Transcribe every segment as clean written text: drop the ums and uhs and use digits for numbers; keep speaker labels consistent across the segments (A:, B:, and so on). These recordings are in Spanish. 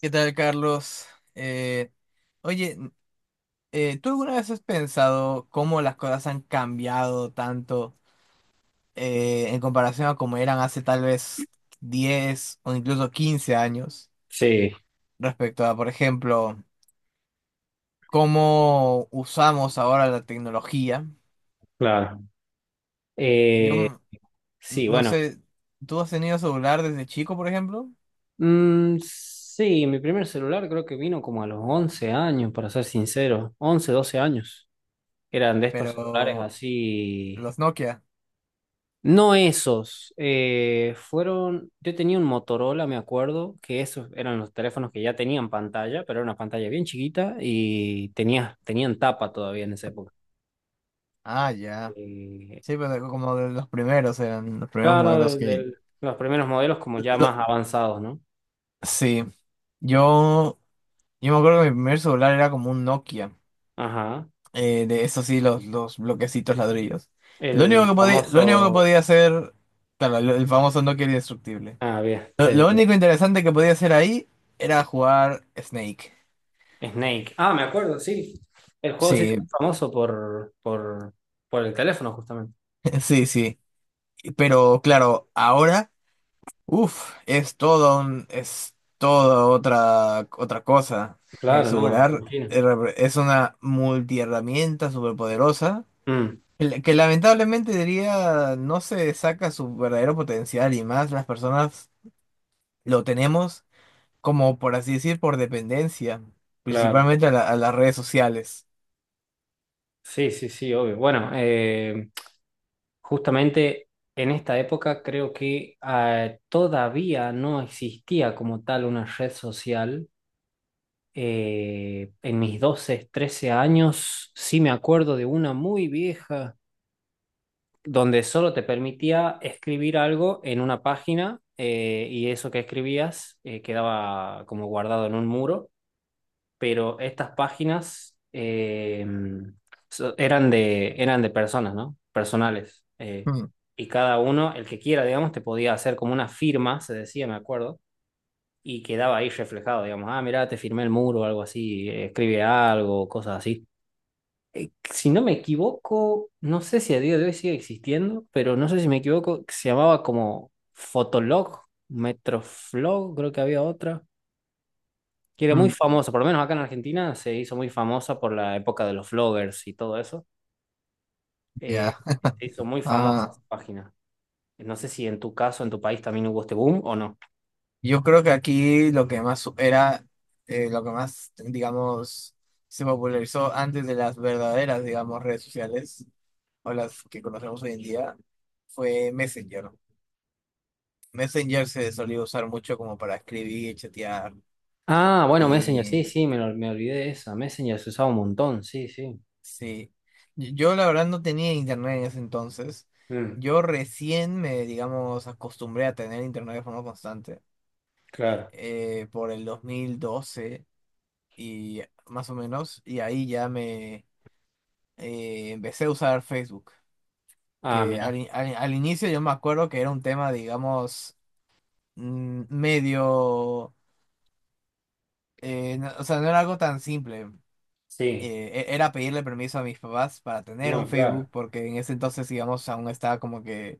A: ¿Qué tal, Carlos? Eh, oye, ¿tú alguna vez has pensado cómo las cosas han cambiado tanto en comparación a cómo eran hace tal vez 10 o incluso 15 años
B: Sí,
A: respecto a, por ejemplo, cómo usamos ahora la tecnología?
B: claro.
A: Yo
B: Eh,
A: m-
B: sí,
A: no
B: bueno.
A: sé, ¿tú has tenido celular desde chico, por ejemplo?
B: Mm, sí, mi primer celular creo que vino como a los 11 años, para ser sincero. 11, 12 años. Eran de estos celulares
A: Pero
B: así.
A: los Nokia.
B: No esos, fueron, yo tenía un Motorola, me acuerdo, que esos eran los teléfonos que ya tenían pantalla, pero era una pantalla bien chiquita y tenía, tenían tapa todavía en esa época.
A: Ah, ya.
B: Eh,
A: Sí, pero como de los primeros eran los primeros
B: claro,
A: modelos
B: de,
A: que.
B: de los primeros modelos como ya más avanzados, ¿no?
A: Sí, yo, yo me acuerdo que mi primer celular era como un Nokia,
B: Ajá.
A: de eso sí, los bloquecitos ladrillos.
B: El
A: Lo único que
B: famoso,
A: podía hacer, claro, el famoso Nokia era indestructible.
B: ah, bien,
A: Lo,
B: sí,
A: lo
B: sí,
A: único interesante que podía hacer ahí era jugar Snake.
B: sí. Snake. Ah, me acuerdo, sí. El juego sí es
A: Sí,
B: famoso por el teléfono, justamente.
A: sí, sí. Pero claro, ahora, uff, es toda otra cosa. El
B: Claro, no, me
A: celular
B: imagino.
A: es una multiherramienta superpoderosa,
B: Mm,
A: que lamentablemente diría no se saca su verdadero potencial y más las personas lo tenemos como por así decir por dependencia,
B: claro.
A: principalmente a, a las redes sociales.
B: Sí, sí, sí, obvio. Bueno, justamente en esta época creo que todavía no existía como tal una red social. En mis 12, 13 años sí me acuerdo de una muy vieja donde solo te permitía escribir algo en una página, y eso que escribías, quedaba como guardado en un muro. Pero estas páginas, eran de personas, ¿no? Personales. eh,
A: Mm,
B: y cada uno, el que quiera, digamos, te podía hacer como una firma, se decía, me acuerdo, y quedaba ahí reflejado, digamos, ah, mirá, te firmé el muro, o algo así, escribe algo, cosas así. Si no me equivoco, no sé si a día de hoy sigue existiendo, pero no sé si me equivoco, se llamaba como Fotolog, Metroflog, creo que había otra que era muy
A: mm,
B: famosa, por lo menos acá en Argentina se hizo muy famosa por la época de los vloggers y todo eso. Eh,
A: ya.
B: se hizo muy famosa
A: Ah,
B: esa página. No sé si en tu caso, en tu país también hubo este boom o no.
A: yo creo que aquí lo que más, digamos, se popularizó antes de las verdaderas, digamos, redes sociales o las que conocemos hoy en día fue Messenger. Messenger se solía usar mucho como para escribir, chatear.
B: Ah, bueno, Messenger, sí, sí, me olvidé de esa. Messenger se usaba un montón, sí, sí.
A: Sí, yo la verdad no tenía internet en ese entonces.
B: Mm,
A: Yo recién me, digamos, acostumbré a tener internet de forma constante
B: claro.
A: por el 2012 y más o menos, y ahí ya me empecé a usar Facebook,
B: Ah,
A: que al,
B: mira.
A: in- al- al inicio yo me acuerdo que era un tema, digamos, medio, o sea, no era algo tan simple.
B: Sí.
A: Era pedirle permiso a mis papás para tener un
B: No, claro.
A: Facebook, porque en ese entonces, digamos, aún estaba como que.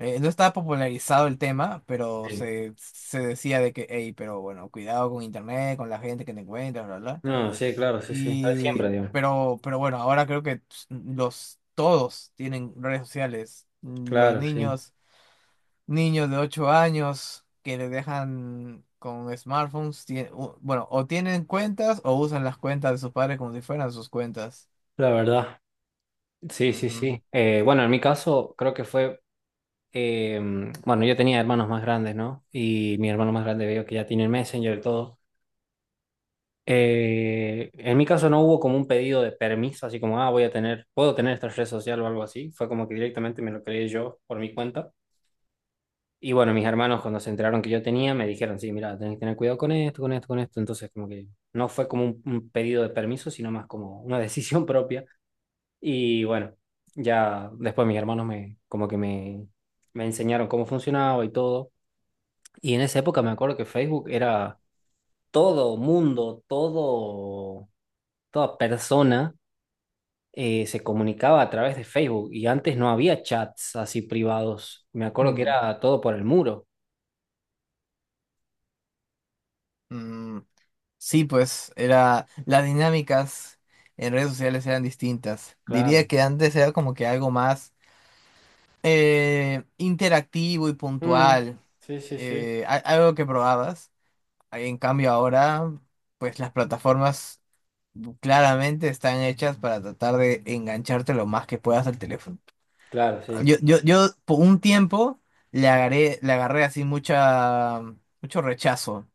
A: No estaba popularizado el tema, pero
B: Sí.
A: se decía de que, hey, pero bueno, cuidado con internet, con la gente que te encuentras, bla, bla.
B: No, sí, claro, sí, sí. Lo de siempre, digamos.
A: Pero bueno, ahora creo que todos tienen redes sociales. Los
B: Claro, sí.
A: niños de 8 años que les dejan con smartphones, bueno, o tienen cuentas o usan las cuentas de sus padres como si fueran sus cuentas.
B: La verdad. Sí, sí,
A: Ujú.
B: sí. Bueno, en mi caso creo que fue, eh, bueno, yo tenía hermanos más grandes, ¿no? Y mi hermano más grande veo que ya tiene el Messenger y todo. En mi caso no hubo como un pedido de permiso, así como, ah, voy a tener, puedo tener esta red social o algo así. Fue como que directamente me lo creé yo por mi cuenta. Y bueno, mis hermanos cuando se enteraron que yo tenía, me dijeron, sí, mira, tenés que tener cuidado con esto, con esto, con esto. Entonces, como que no fue como un pedido de permiso, sino más como una decisión propia. Y bueno, ya después mis hermanos como que me enseñaron cómo funcionaba y todo. Y en esa época me acuerdo que Facebook era todo mundo, todo, toda persona, se comunicaba a través de Facebook, y antes no había chats así privados. Me acuerdo que
A: Mm,
B: era todo por el muro.
A: mm. Sí, pues era las dinámicas en redes sociales eran distintas. Diría
B: Claro.
A: que antes era como que algo más interactivo y
B: Mm,
A: puntual,
B: sí, sí, sí.
A: algo que probabas. En cambio ahora, pues las plataformas claramente están hechas para tratar de engancharte lo más que puedas al teléfono.
B: Claro, sí.
A: Yo por un tiempo le agarré así mucho rechazo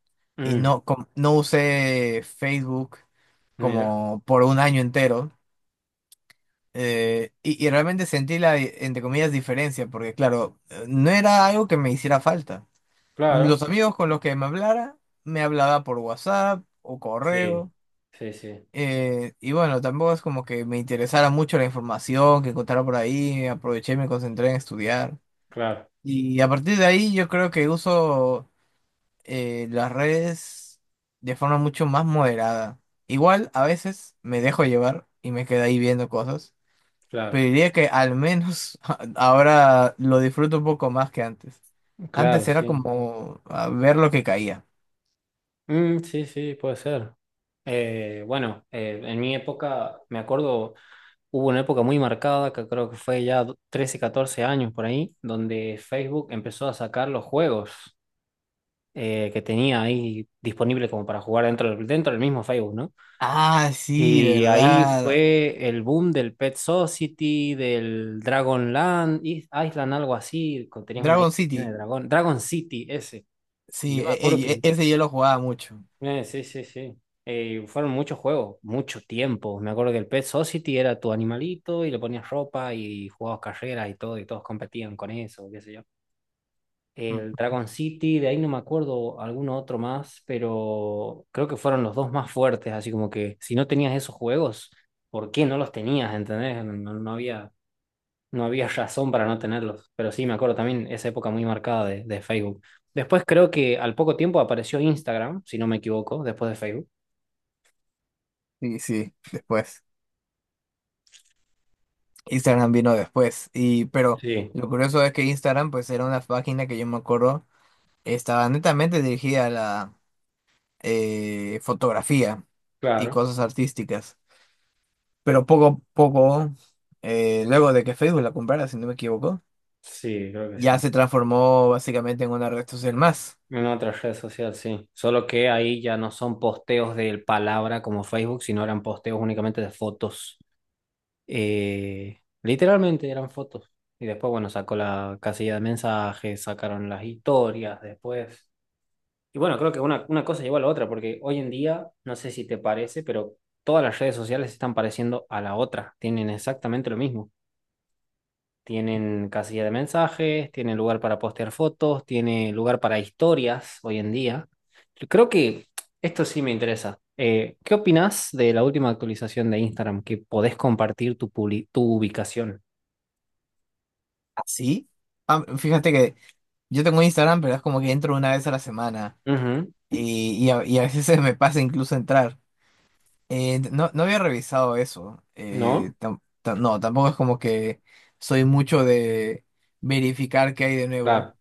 A: y
B: Mm,
A: no usé Facebook
B: mira.
A: como por un año entero. Y realmente sentí la, entre comillas, diferencia, porque claro, no era algo que me hiciera falta. Los
B: Claro.
A: amigos con los que me hablara, me hablaba por WhatsApp o
B: Sí.
A: correo.
B: Sí, sí.
A: Y bueno, tampoco es como que me interesara mucho la información que encontrara por ahí, aproveché y me concentré en estudiar.
B: Claro,
A: Y a partir de ahí yo creo que uso las redes de forma mucho más moderada. Igual a veces me dejo llevar y me quedo ahí viendo cosas, pero
B: claro.
A: diría que al menos ahora lo disfruto un poco más que antes. Antes
B: Claro,
A: era
B: sí.
A: como a ver lo que caía.
B: Mm, sí, sí, puede ser. Bueno, en mi época me acuerdo. Hubo una época muy marcada, que creo que fue ya 13, 14 años por ahí, donde Facebook empezó a sacar los juegos, que tenía ahí disponibles como para jugar dentro del mismo Facebook, ¿no?
A: Ah, sí,
B: Y ahí
A: verdad.
B: fue el boom del Pet Society, del Dragon Land, Island, algo así, tenías una
A: Dragon
B: isla llena de
A: City.
B: dragón, Dragon City ese. Y
A: Sí,
B: yo me acuerdo que.
A: ese yo lo jugaba mucho.
B: Sí, sí, sí. Fueron muchos juegos, mucho tiempo. Me acuerdo que el Pet Society era tu animalito y le ponías ropa y jugabas carreras y todo, y todos competían con eso, qué sé yo.
A: Mm.
B: El Dragon City, de ahí no me acuerdo alguno otro más, pero creo que fueron los dos más fuertes, así como que si no tenías esos juegos, ¿por qué no los tenías? ¿Entendés? No había razón para no tenerlos. Pero sí, me acuerdo también esa época muy marcada de Facebook. Después creo que al poco tiempo apareció Instagram, si no me equivoco, después de Facebook.
A: Sí, sí, después. Instagram vino después. Pero
B: Sí,
A: lo curioso es que Instagram, pues, era una página que yo me acuerdo, estaba netamente dirigida a la fotografía y
B: claro.
A: cosas artísticas. Pero poco a poco, luego de que Facebook la comprara, si no me equivoco,
B: Sí, creo que sí.
A: ya se transformó básicamente en una red social más.
B: En otra red social, sí. Solo que ahí ya no son posteos de palabra como Facebook, sino eran posteos únicamente de fotos. Literalmente eran fotos. Y después, bueno, sacó la casilla de mensajes, sacaron las historias después. Y bueno, creo que una cosa llevó a la otra, porque hoy en día, no sé si te parece, pero todas las redes sociales están pareciendo a la otra. Tienen exactamente lo mismo. Tienen casilla de mensajes, tienen lugar para postear fotos, tiene lugar para historias hoy en día. Creo que esto sí me interesa. ¿Qué opinas de la última actualización de Instagram que podés compartir tu ubicación?
A: ¿Así? Ah, fíjate que yo tengo Instagram, pero es como que entro una vez a la semana.
B: Ujú,
A: Y a veces se me pasa incluso entrar. No, no había revisado eso.
B: ¿no?
A: No, tampoco es como que soy mucho de verificar qué hay de nuevo.
B: Claro.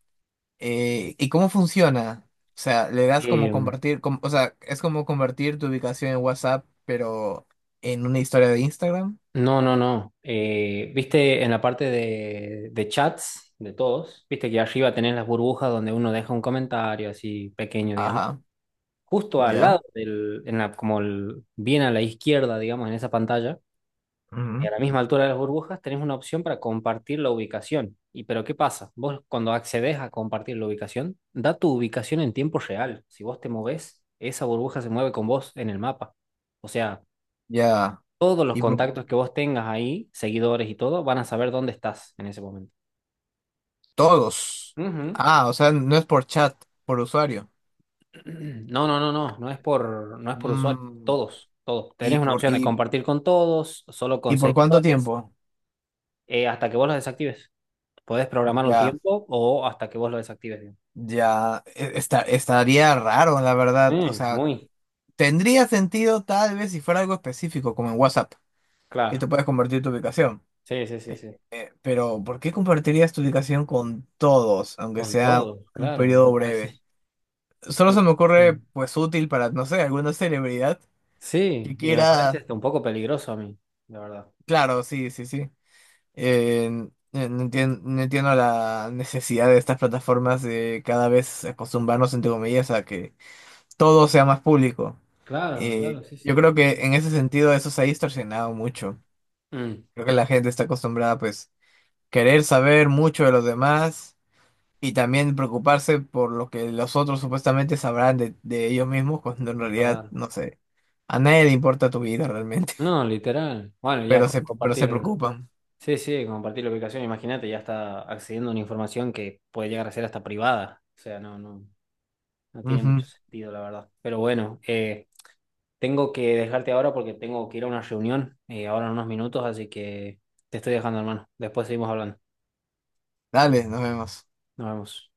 A: ¿Y cómo funciona? O sea, le das como
B: Eh,
A: compartir, o sea, es como convertir tu ubicación en WhatsApp, pero en una historia de Instagram.
B: no, no, no. Viste en la parte de chats de todos, viste que arriba tenés las burbujas donde uno deja un comentario así pequeño, digamos.
A: Ajá,
B: Justo al
A: ya.
B: lado del, en la, bien a la izquierda, digamos, en esa pantalla, a
A: Ujú,
B: la misma altura de las burbujas, tenés una opción para compartir la ubicación. Y pero ¿qué pasa? Vos cuando accedes a compartir la ubicación, da tu ubicación en tiempo real. Si vos te movés, esa burbuja se mueve con vos en el mapa. O sea,
A: ya.
B: todos los
A: Y por-
B: contactos que vos tengas ahí, seguidores y todo, van a saber dónde estás en ese momento.
A: Todos.
B: Ujú.
A: Ah, o sea, no es por chat, por usuario.
B: No, no, no, no, no es por usuarios
A: Mm,
B: todos, todos. Tenés
A: ¿Y
B: una opción de compartir con todos, solo con
A: por cuánto
B: seguidores.
A: tiempo?
B: Hasta que vos lo desactives. Podés programar un
A: Ya.
B: tiempo o hasta que vos lo desactives, digamos.
A: Ya, estaría raro, la verdad. O
B: Mm,
A: sea,
B: muy
A: tendría sentido tal vez si fuera algo específico, como en WhatsApp, que
B: claro.
A: tú puedes compartir tu ubicación.
B: Sí, sí, sí,
A: Eh,
B: sí.
A: Pero, ¿por qué compartirías tu ubicación con todos, aunque
B: Con
A: sea
B: todo,
A: un
B: claro, me
A: periodo breve?
B: parece.
A: Solo
B: me
A: se me
B: parece-
A: ocurre, pues, útil para, no sé, alguna celebridad que
B: Sí, y me parece
A: quiera.
B: hasta un poco peligroso a mí, la verdad.
A: Claro, sí, sí, sí. No entiendo la necesidad de estas plataformas de cada vez acostumbrarnos, entre comillas, a que todo sea más público.
B: Claro, claro, sí,
A: Yo
B: sí,
A: creo que
B: totalmente.
A: en ese sentido eso se ha distorsionado mucho.
B: Mm,
A: Creo que la gente está acostumbrada pues querer saber mucho de los demás y también preocuparse por lo que los otros supuestamente sabrán de ellos mismos cuando en realidad,
B: claro.
A: no sé, a nadie le importa tu vida realmente,
B: No, literal. Bueno, ya
A: pero se, pero se
B: compartir,
A: preocupan.
B: sí, sí, compartir la ubicación, imagínate, ya está accediendo a una información que puede llegar a ser hasta privada. O sea, no, no, no tiene
A: Ujú.
B: mucho sentido, la verdad. Pero bueno, tengo que dejarte ahora porque tengo que ir a una reunión, ahora en unos minutos, así que te estoy dejando, hermano. Después seguimos hablando.
A: Dale, nos vemos.
B: Nos vemos.